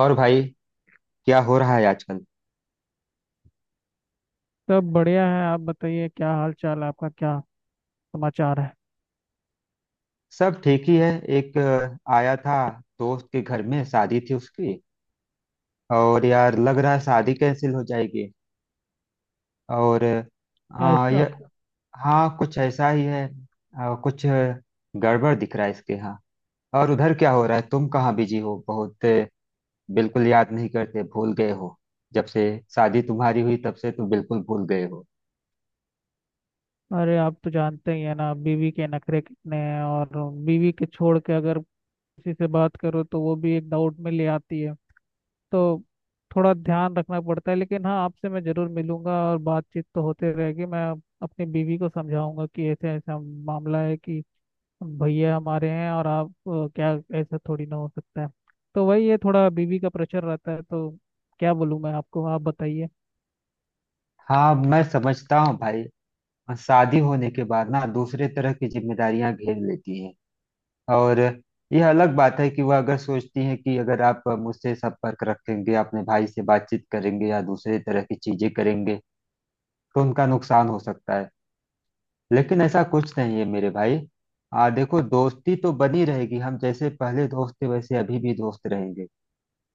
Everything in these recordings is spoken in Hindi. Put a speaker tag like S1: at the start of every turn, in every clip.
S1: और भाई, क्या हो रहा है आजकल।
S2: सब बढ़िया है। आप बताइए क्या हाल चाल आपका, क्या समाचार है?
S1: सब ठीक ही है। एक आया था। दोस्त के घर में शादी थी उसकी। और यार, लग रहा है शादी कैंसिल हो जाएगी। और ये
S2: ऐसा?
S1: हाँ, कुछ ऐसा ही है। गड़बड़ दिख रहा है इसके यहाँ। और उधर क्या हो रहा है, तुम कहाँ बिजी हो बहुत। बिल्कुल याद नहीं करते, भूल गए हो। जब से शादी तुम्हारी हुई, तब से तुम बिल्कुल भूल गए हो।
S2: अरे आप तो जानते ही है ना, बीवी के नखरे कितने हैं। और बीवी के छोड़ के अगर किसी से बात करो तो वो भी एक डाउट में ले आती है। तो थोड़ा ध्यान रखना पड़ता है, लेकिन हाँ आपसे मैं जरूर मिलूंगा और बातचीत तो होते रहेगी। मैं अपनी बीवी को समझाऊंगा कि ऐसे ऐसा मामला है कि भैया हमारे हैं और आप, क्या ऐसा थोड़ी ना हो सकता है। तो वही ये थोड़ा बीवी का प्रेशर रहता है, तो क्या बोलूँ मैं आपको, आप बताइए।
S1: हाँ, मैं समझता हूँ भाई। और शादी होने के बाद ना दूसरे तरह की जिम्मेदारियां घेर लेती हैं। और यह अलग बात है कि वह अगर सोचती हैं कि अगर आप मुझसे संपर्क रखेंगे, अपने भाई से बातचीत करेंगे या दूसरे तरह की चीजें करेंगे तो उनका नुकसान हो सकता है। लेकिन ऐसा कुछ नहीं है मेरे भाई। आ देखो, दोस्ती तो बनी रहेगी। हम जैसे पहले दोस्त थे वैसे अभी भी दोस्त रहेंगे।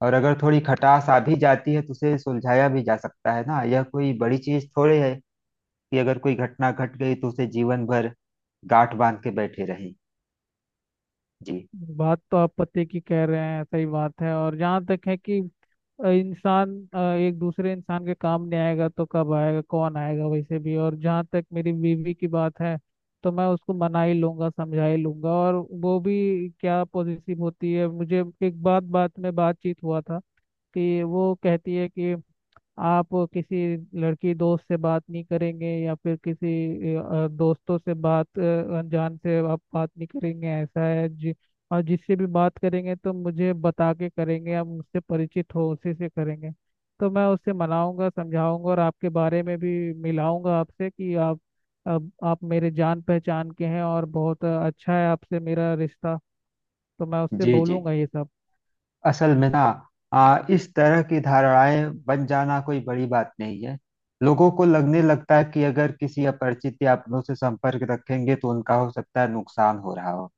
S1: और अगर थोड़ी खटास आ भी जाती है तो उसे सुलझाया भी जा सकता है ना। यह कोई बड़ी चीज थोड़ी है कि अगर कोई घटना घट गई तो उसे जीवन भर गांठ बांध के बैठे रहें। जी
S2: बात तो आप पते की कह रहे हैं, सही बात है। और जहाँ तक है कि इंसान एक दूसरे इंसान के काम नहीं आएगा तो कब आएगा, कौन आएगा वैसे भी। और जहाँ तक मेरी बीवी की बात है, तो मैं उसको मना ही लूंगा, समझा ही लूंगा। और वो भी क्या पॉजिटिव होती है, मुझे एक बात बात में बातचीत हुआ था कि वो कहती है कि आप किसी लड़की दोस्त से बात नहीं करेंगे, या फिर किसी दोस्तों से बात अनजान से आप बात नहीं करेंगे, ऐसा है जी। और जिससे भी बात करेंगे तो मुझे बता के करेंगे, आप मुझसे परिचित हो उसी से करेंगे। तो मैं उससे मनाऊंगा, समझाऊंगा और आपके बारे में भी मिलाऊंगा आपसे कि आप, अब आप मेरे जान पहचान के हैं और बहुत अच्छा है आपसे मेरा रिश्ता। तो मैं उससे
S1: जी जी,
S2: बोलूंगा ये सब।
S1: असल में ना इस तरह की धारणाएं बन जाना कोई बड़ी बात नहीं है। लोगों को लगने लगता है कि अगर किसी अपरिचित या अपनों से संपर्क रखेंगे तो उनका हो सकता है नुकसान हो रहा हो।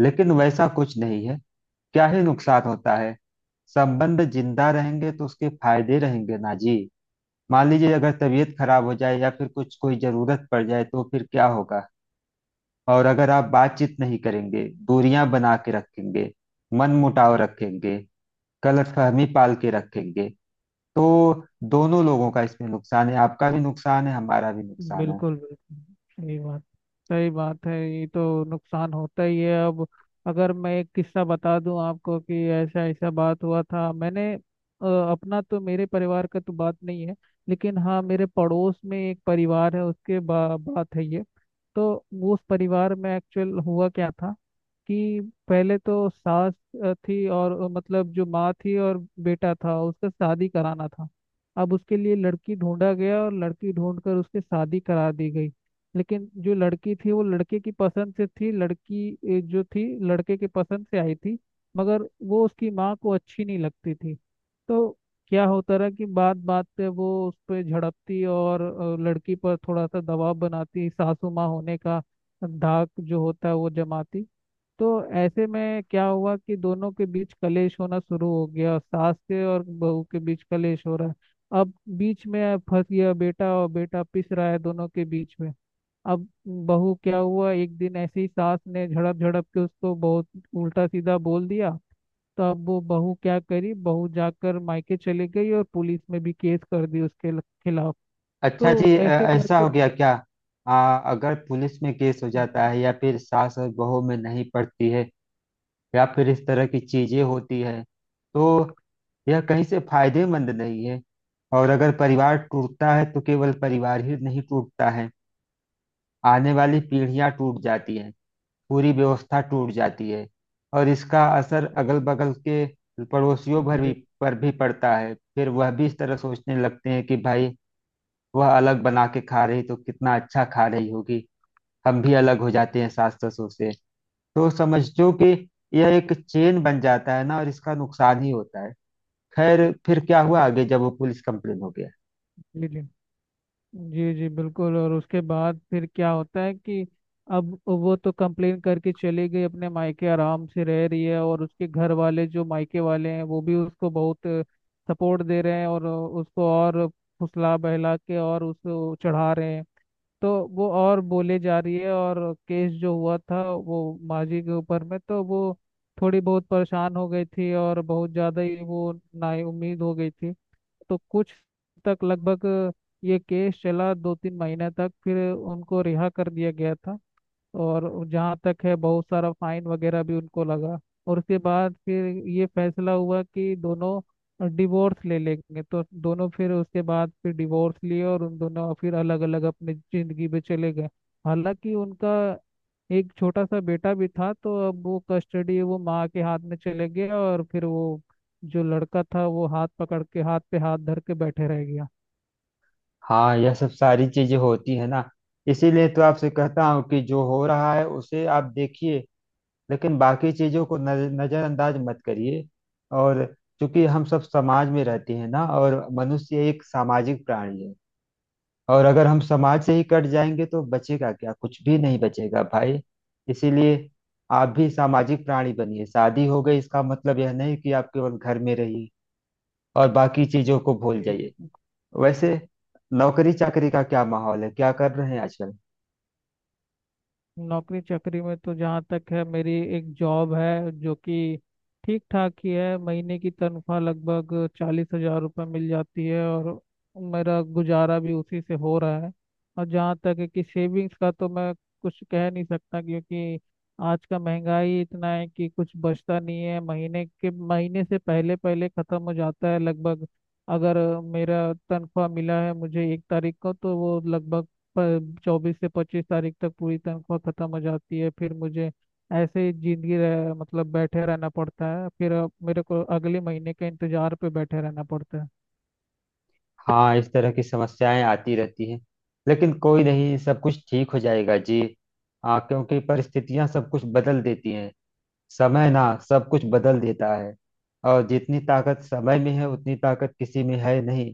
S1: लेकिन वैसा कुछ नहीं है। क्या ही नुकसान होता है। संबंध जिंदा रहेंगे तो उसके फायदे रहेंगे ना जी। मान लीजिए अगर तबीयत खराब हो जाए या फिर कुछ कोई जरूरत पड़ जाए तो फिर क्या होगा। और अगर आप बातचीत नहीं करेंगे, दूरियां बना के रखेंगे, मन मुटाव रखेंगे, गलतफहमी पाल के रखेंगे तो दोनों लोगों का इसमें नुकसान है। आपका भी नुकसान है, हमारा भी नुकसान है।
S2: बिल्कुल बिल्कुल, सही बात, सही बात है, ये तो नुकसान होता ही है। अब अगर मैं एक किस्सा बता दूं आपको, कि ऐसा ऐसा बात हुआ था, मैंने अपना तो, मेरे परिवार का तो बात नहीं है, लेकिन हाँ मेरे पड़ोस में एक परिवार है, उसके बात है ये। तो उस परिवार में एक्चुअल हुआ क्या था, कि पहले तो सास थी, और मतलब जो माँ थी, और बेटा था, उसका शादी कराना था। अब उसके लिए लड़की ढूंढा गया और लड़की ढूंढकर उसकी शादी करा दी गई। लेकिन जो लड़की थी वो लड़के की पसंद से थी, लड़की जो थी लड़के के पसंद से आई थी। मगर वो उसकी माँ को अच्छी नहीं लगती थी। तो क्या होता रहा कि बात बात पे वो उस पर झड़पती, और लड़की पर थोड़ा सा दबाव बनाती, सासू माँ होने का धाक जो होता है वो जमाती। तो ऐसे में क्या हुआ कि दोनों के बीच कलेश होना शुरू हो गया, सास के और बहू के बीच कलेश हो रहा है। अब बीच में फंस गया बेटा, और बेटा पिस रहा है दोनों के बीच में। अब बहू, क्या हुआ, एक दिन ऐसे ही सास ने झड़प झड़प के उसको बहुत उल्टा सीधा बोल दिया। तो अब वो बहू क्या करी, बहू जाकर मायके चली गई और पुलिस में भी केस कर दी उसके खिलाफ।
S1: अच्छा
S2: तो
S1: जी,
S2: ऐसे
S1: ऐसा
S2: करके
S1: हो गया क्या। अगर पुलिस में केस हो जाता
S2: जी
S1: है या फिर सास और बहू में नहीं पड़ती है या फिर इस तरह की चीजें होती है तो यह कहीं से फायदेमंद नहीं है। और अगर परिवार टूटता है तो केवल परिवार ही नहीं टूटता है, आने वाली पीढ़ियां टूट जाती हैं, पूरी व्यवस्था टूट जाती है। और इसका असर अगल बगल के पड़ोसियों भर भी,
S2: जी।
S1: पर भी पड़ता है। फिर वह भी इस तरह सोचने लगते हैं कि भाई, वह अलग बना के खा रही तो कितना अच्छा खा रही होगी, हम भी अलग हो जाते हैं सास ससुर से। तो समझो कि यह एक चेन बन जाता है ना, और इसका नुकसान ही होता है। खैर, फिर क्या हुआ आगे जब वो पुलिस कंप्लेन हो गया।
S2: जी जी जी बिल्कुल। और उसके बाद फिर क्या होता है कि अब वो तो कंप्लेन करके चली गई, अपने मायके आराम से रह रही है। और उसके घर वाले जो मायके वाले हैं वो भी उसको बहुत सपोर्ट दे रहे हैं, और उसको और फुसला बहला के और उसको चढ़ा रहे हैं। तो वो और बोले जा रही है। और केस जो हुआ था वो माजी के ऊपर में, तो वो थोड़ी बहुत परेशान हो गई थी, और बहुत ज़्यादा ही वो नाउम्मीद हो गई थी। तो कुछ तक लगभग ये केस चला, 2 3 महीने तक, फिर उनको रिहा कर दिया गया था। और जहाँ तक है, बहुत सारा फाइन वगैरह भी उनको लगा। और उसके बाद फिर ये फैसला हुआ कि दोनों डिवोर्स ले लेंगे, तो दोनों फिर उसके बाद फिर डिवोर्स लिए, और उन दोनों फिर अलग अलग अपनी जिंदगी में चले गए। हालांकि उनका एक छोटा सा बेटा भी था, तो अब वो कस्टडी वो माँ के हाथ में चले गया, और फिर वो जो लड़का था वो हाथ पकड़ के, हाथ पे हाथ धर के बैठे रह गया।
S1: हाँ, यह सब सारी चीजें होती है ना। इसीलिए तो आपसे कहता हूँ कि जो हो रहा है उसे आप देखिए, लेकिन बाकी चीजों को नजरअंदाज मत करिए। और क्योंकि हम सब समाज में रहते हैं ना, और मनुष्य एक सामाजिक प्राणी है। और अगर हम समाज से ही कट जाएंगे तो बचेगा क्या, कुछ भी नहीं बचेगा भाई। इसीलिए आप भी सामाजिक प्राणी बनिए। शादी हो गई इसका मतलब यह नहीं कि आप केवल घर में रहिए और बाकी चीजों को भूल
S2: जी
S1: जाइए।
S2: जी।
S1: वैसे नौकरी चाकरी का क्या माहौल है, क्या कर रहे हैं आजकल।
S2: नौकरी चाकरी में तो जहाँ तक है, मेरी एक जॉब है जो कि ठीक ठाक ही है, महीने की तनख्वाह लगभग 40,000 रुपये मिल जाती है, और मेरा गुजारा भी उसी से हो रहा है। और जहाँ तक है कि सेविंग्स का, तो मैं कुछ कह नहीं सकता, क्योंकि आज का महंगाई इतना है कि कुछ बचता नहीं है, महीने के महीने से पहले पहले ख़त्म हो जाता है लगभग। अगर मेरा तनख्वाह मिला है मुझे 1 तारीख को, तो वो लगभग 24 से 25 तारीख तक पूरी तनख्वाह खत्म हो जाती है, फिर मुझे ऐसे ही जिंदगी मतलब बैठे रहना पड़ता है। फिर अब मेरे को अगले महीने के इंतजार पे बैठे रहना पड़ता
S1: हाँ, इस तरह की समस्याएं आती रहती हैं। लेकिन कोई नहीं, सब कुछ ठीक हो जाएगा जी। हाँ, क्योंकि परिस्थितियां सब कुछ बदल देती हैं। समय ना सब कुछ बदल देता है। और जितनी ताकत समय में है उतनी ताकत किसी में है नहीं।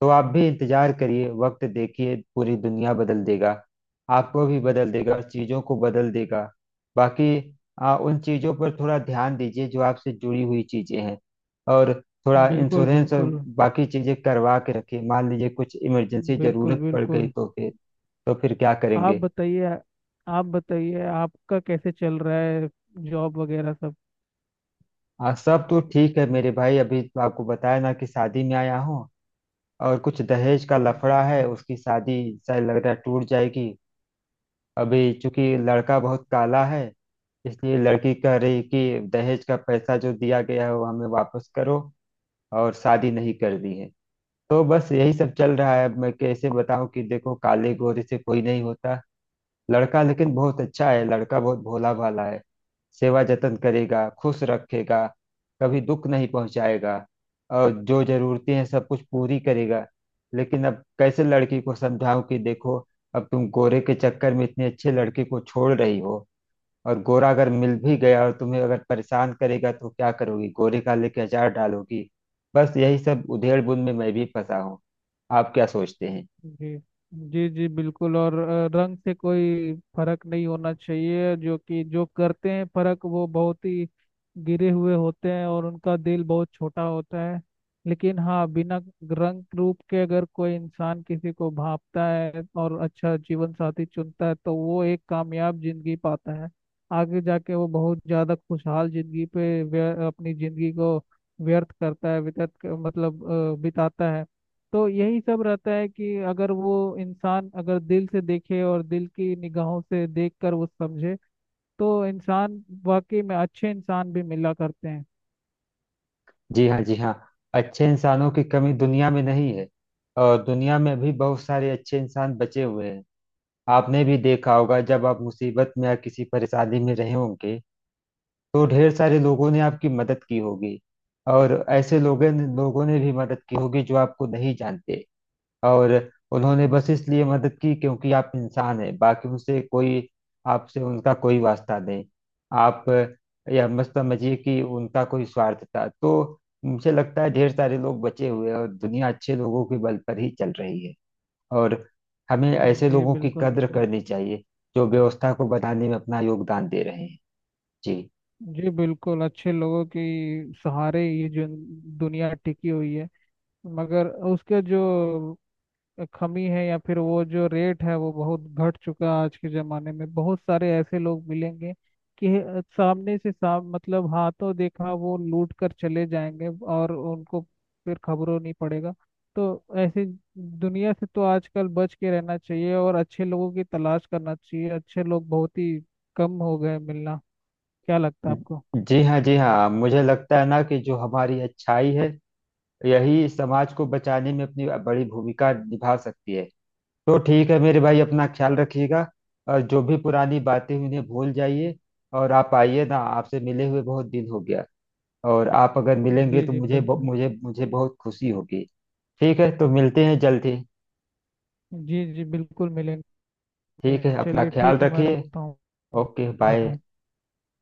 S1: तो आप भी इंतजार करिए, वक्त देखिए, पूरी दुनिया बदल देगा। आपको भी बदल देगा और चीजों को बदल देगा। बाकी उन चीजों पर थोड़ा ध्यान दीजिए जो आपसे जुड़ी हुई चीजें हैं। और
S2: है।
S1: थोड़ा
S2: बिल्कुल
S1: इंश्योरेंस और
S2: बिल्कुल।
S1: बाकी चीजें करवा के रखिए। मान लीजिए कुछ इमरजेंसी
S2: बिल्कुल
S1: जरूरत पड़ गई
S2: बिल्कुल।
S1: तो फिर, तो फिर क्या
S2: आप
S1: करेंगे।
S2: बताइए, आप बताइए आपका कैसे चल रहा है, जॉब वगैरह सब?
S1: सब तो ठीक है मेरे भाई। अभी तो आपको बताया ना कि शादी में आया हूँ। और कुछ दहेज का लफड़ा है, उसकी शादी शायद लग रहा है टूट जाएगी। अभी चूंकि लड़का बहुत काला है, इसलिए लड़की कह रही कि दहेज का पैसा जो दिया गया है वो हमें वापस करो, और शादी नहीं कर दी है। तो बस यही सब चल रहा है। अब मैं कैसे बताऊं कि देखो, काले गोरे से कोई नहीं होता। लड़का लेकिन बहुत अच्छा है, लड़का बहुत भोला भाला है। सेवा जतन करेगा, खुश रखेगा, कभी दुख नहीं पहुंचाएगा, और जो जरूरतें हैं सब कुछ पूरी करेगा। लेकिन अब कैसे लड़की को समझाऊं कि देखो, अब तुम गोरे के चक्कर में इतनी अच्छी लड़की को छोड़ रही हो। और गोरा अगर मिल भी गया और तुम्हें अगर परेशान करेगा तो क्या करोगी, गोरे का लेके अचार डालोगी। बस यही सब उधेड़बुन में मैं भी फंसा हूँ। आप क्या सोचते हैं।
S2: जी जी। जी बिल्कुल। और रंग से कोई फर्क नहीं होना चाहिए, जो कि जो करते हैं फर्क वो बहुत ही गिरे हुए होते हैं, और उनका दिल बहुत छोटा होता है। लेकिन हाँ बिना रंग रूप के अगर कोई इंसान किसी को भांपता है और अच्छा जीवन साथी चुनता है, तो वो एक कामयाब जिंदगी पाता है। आगे जाके वो बहुत ज्यादा खुशहाल जिंदगी पे अपनी जिंदगी को व्यर्थ करता है, व्यतीत मतलब बिताता है। तो यही सब रहता है कि अगर वो इंसान अगर दिल से देखे और दिल की निगाहों से देखकर वो समझे, तो इंसान वाकई में अच्छे इंसान भी मिला करते हैं।
S1: जी हाँ, जी हाँ। अच्छे इंसानों की कमी दुनिया में नहीं है। और दुनिया में भी बहुत सारे अच्छे इंसान बचे हुए हैं। आपने भी देखा होगा, जब आप मुसीबत में या किसी परेशानी में रहे होंगे तो ढेर सारे लोगों ने आपकी मदद की होगी। और ऐसे लोगों ने भी मदद की होगी जो आपको नहीं जानते। और उन्होंने बस इसलिए मदद की क्योंकि आप इंसान हैं, बाकी उनसे कोई, आपसे उनका कोई वास्ता नहीं। आप यह मत समझिए कि उनका कोई स्वार्थ था। तो मुझे लगता है ढेर सारे लोग बचे हुए हैं और दुनिया अच्छे लोगों के बल पर ही चल रही है। और हमें ऐसे
S2: जी
S1: लोगों की
S2: बिल्कुल
S1: कद्र
S2: बिल्कुल।
S1: करनी चाहिए जो व्यवस्था को बनाने में अपना योगदान दे रहे हैं। जी।
S2: जी बिल्कुल, अच्छे लोगों की सहारे ये जो दुनिया टिकी हुई है। मगर उसके जो कमी है या फिर वो जो रेट है वो बहुत घट चुका है। आज के ज़माने में बहुत सारे ऐसे लोग मिलेंगे कि सामने से साम मतलब हाथों देखा वो लूट कर चले जाएंगे, और उनको फिर खबरों नहीं पड़ेगा। तो ऐसे दुनिया से तो आजकल बच के रहना चाहिए, और अच्छे लोगों की तलाश करना चाहिए। अच्छे लोग बहुत ही कम हो गए मिलना, क्या लगता है आपको?
S1: जी हाँ, जी हाँ, मुझे लगता है ना कि जो हमारी अच्छाई है, यही समाज को बचाने में अपनी बड़ी भूमिका निभा सकती है। तो ठीक है मेरे भाई, अपना ख्याल रखिएगा। और जो भी पुरानी बातें हैं, उन्हें भूल जाइए। और आप आइए ना, आपसे मिले हुए बहुत दिन हो गया। और आप अगर मिलेंगे
S2: जी
S1: तो
S2: जी
S1: मुझे ब-
S2: बिल्कुल।
S1: मुझे मुझे बहुत खुशी होगी। ठीक है, तो मिलते हैं जल्द ही।
S2: जी जी बिल्कुल मिलेंगे।
S1: ठीक है, अपना
S2: चलिए
S1: ख्याल
S2: ठीक है, मैं
S1: रखिए।
S2: रखता हूँ।
S1: Okay bye.
S2: Bye.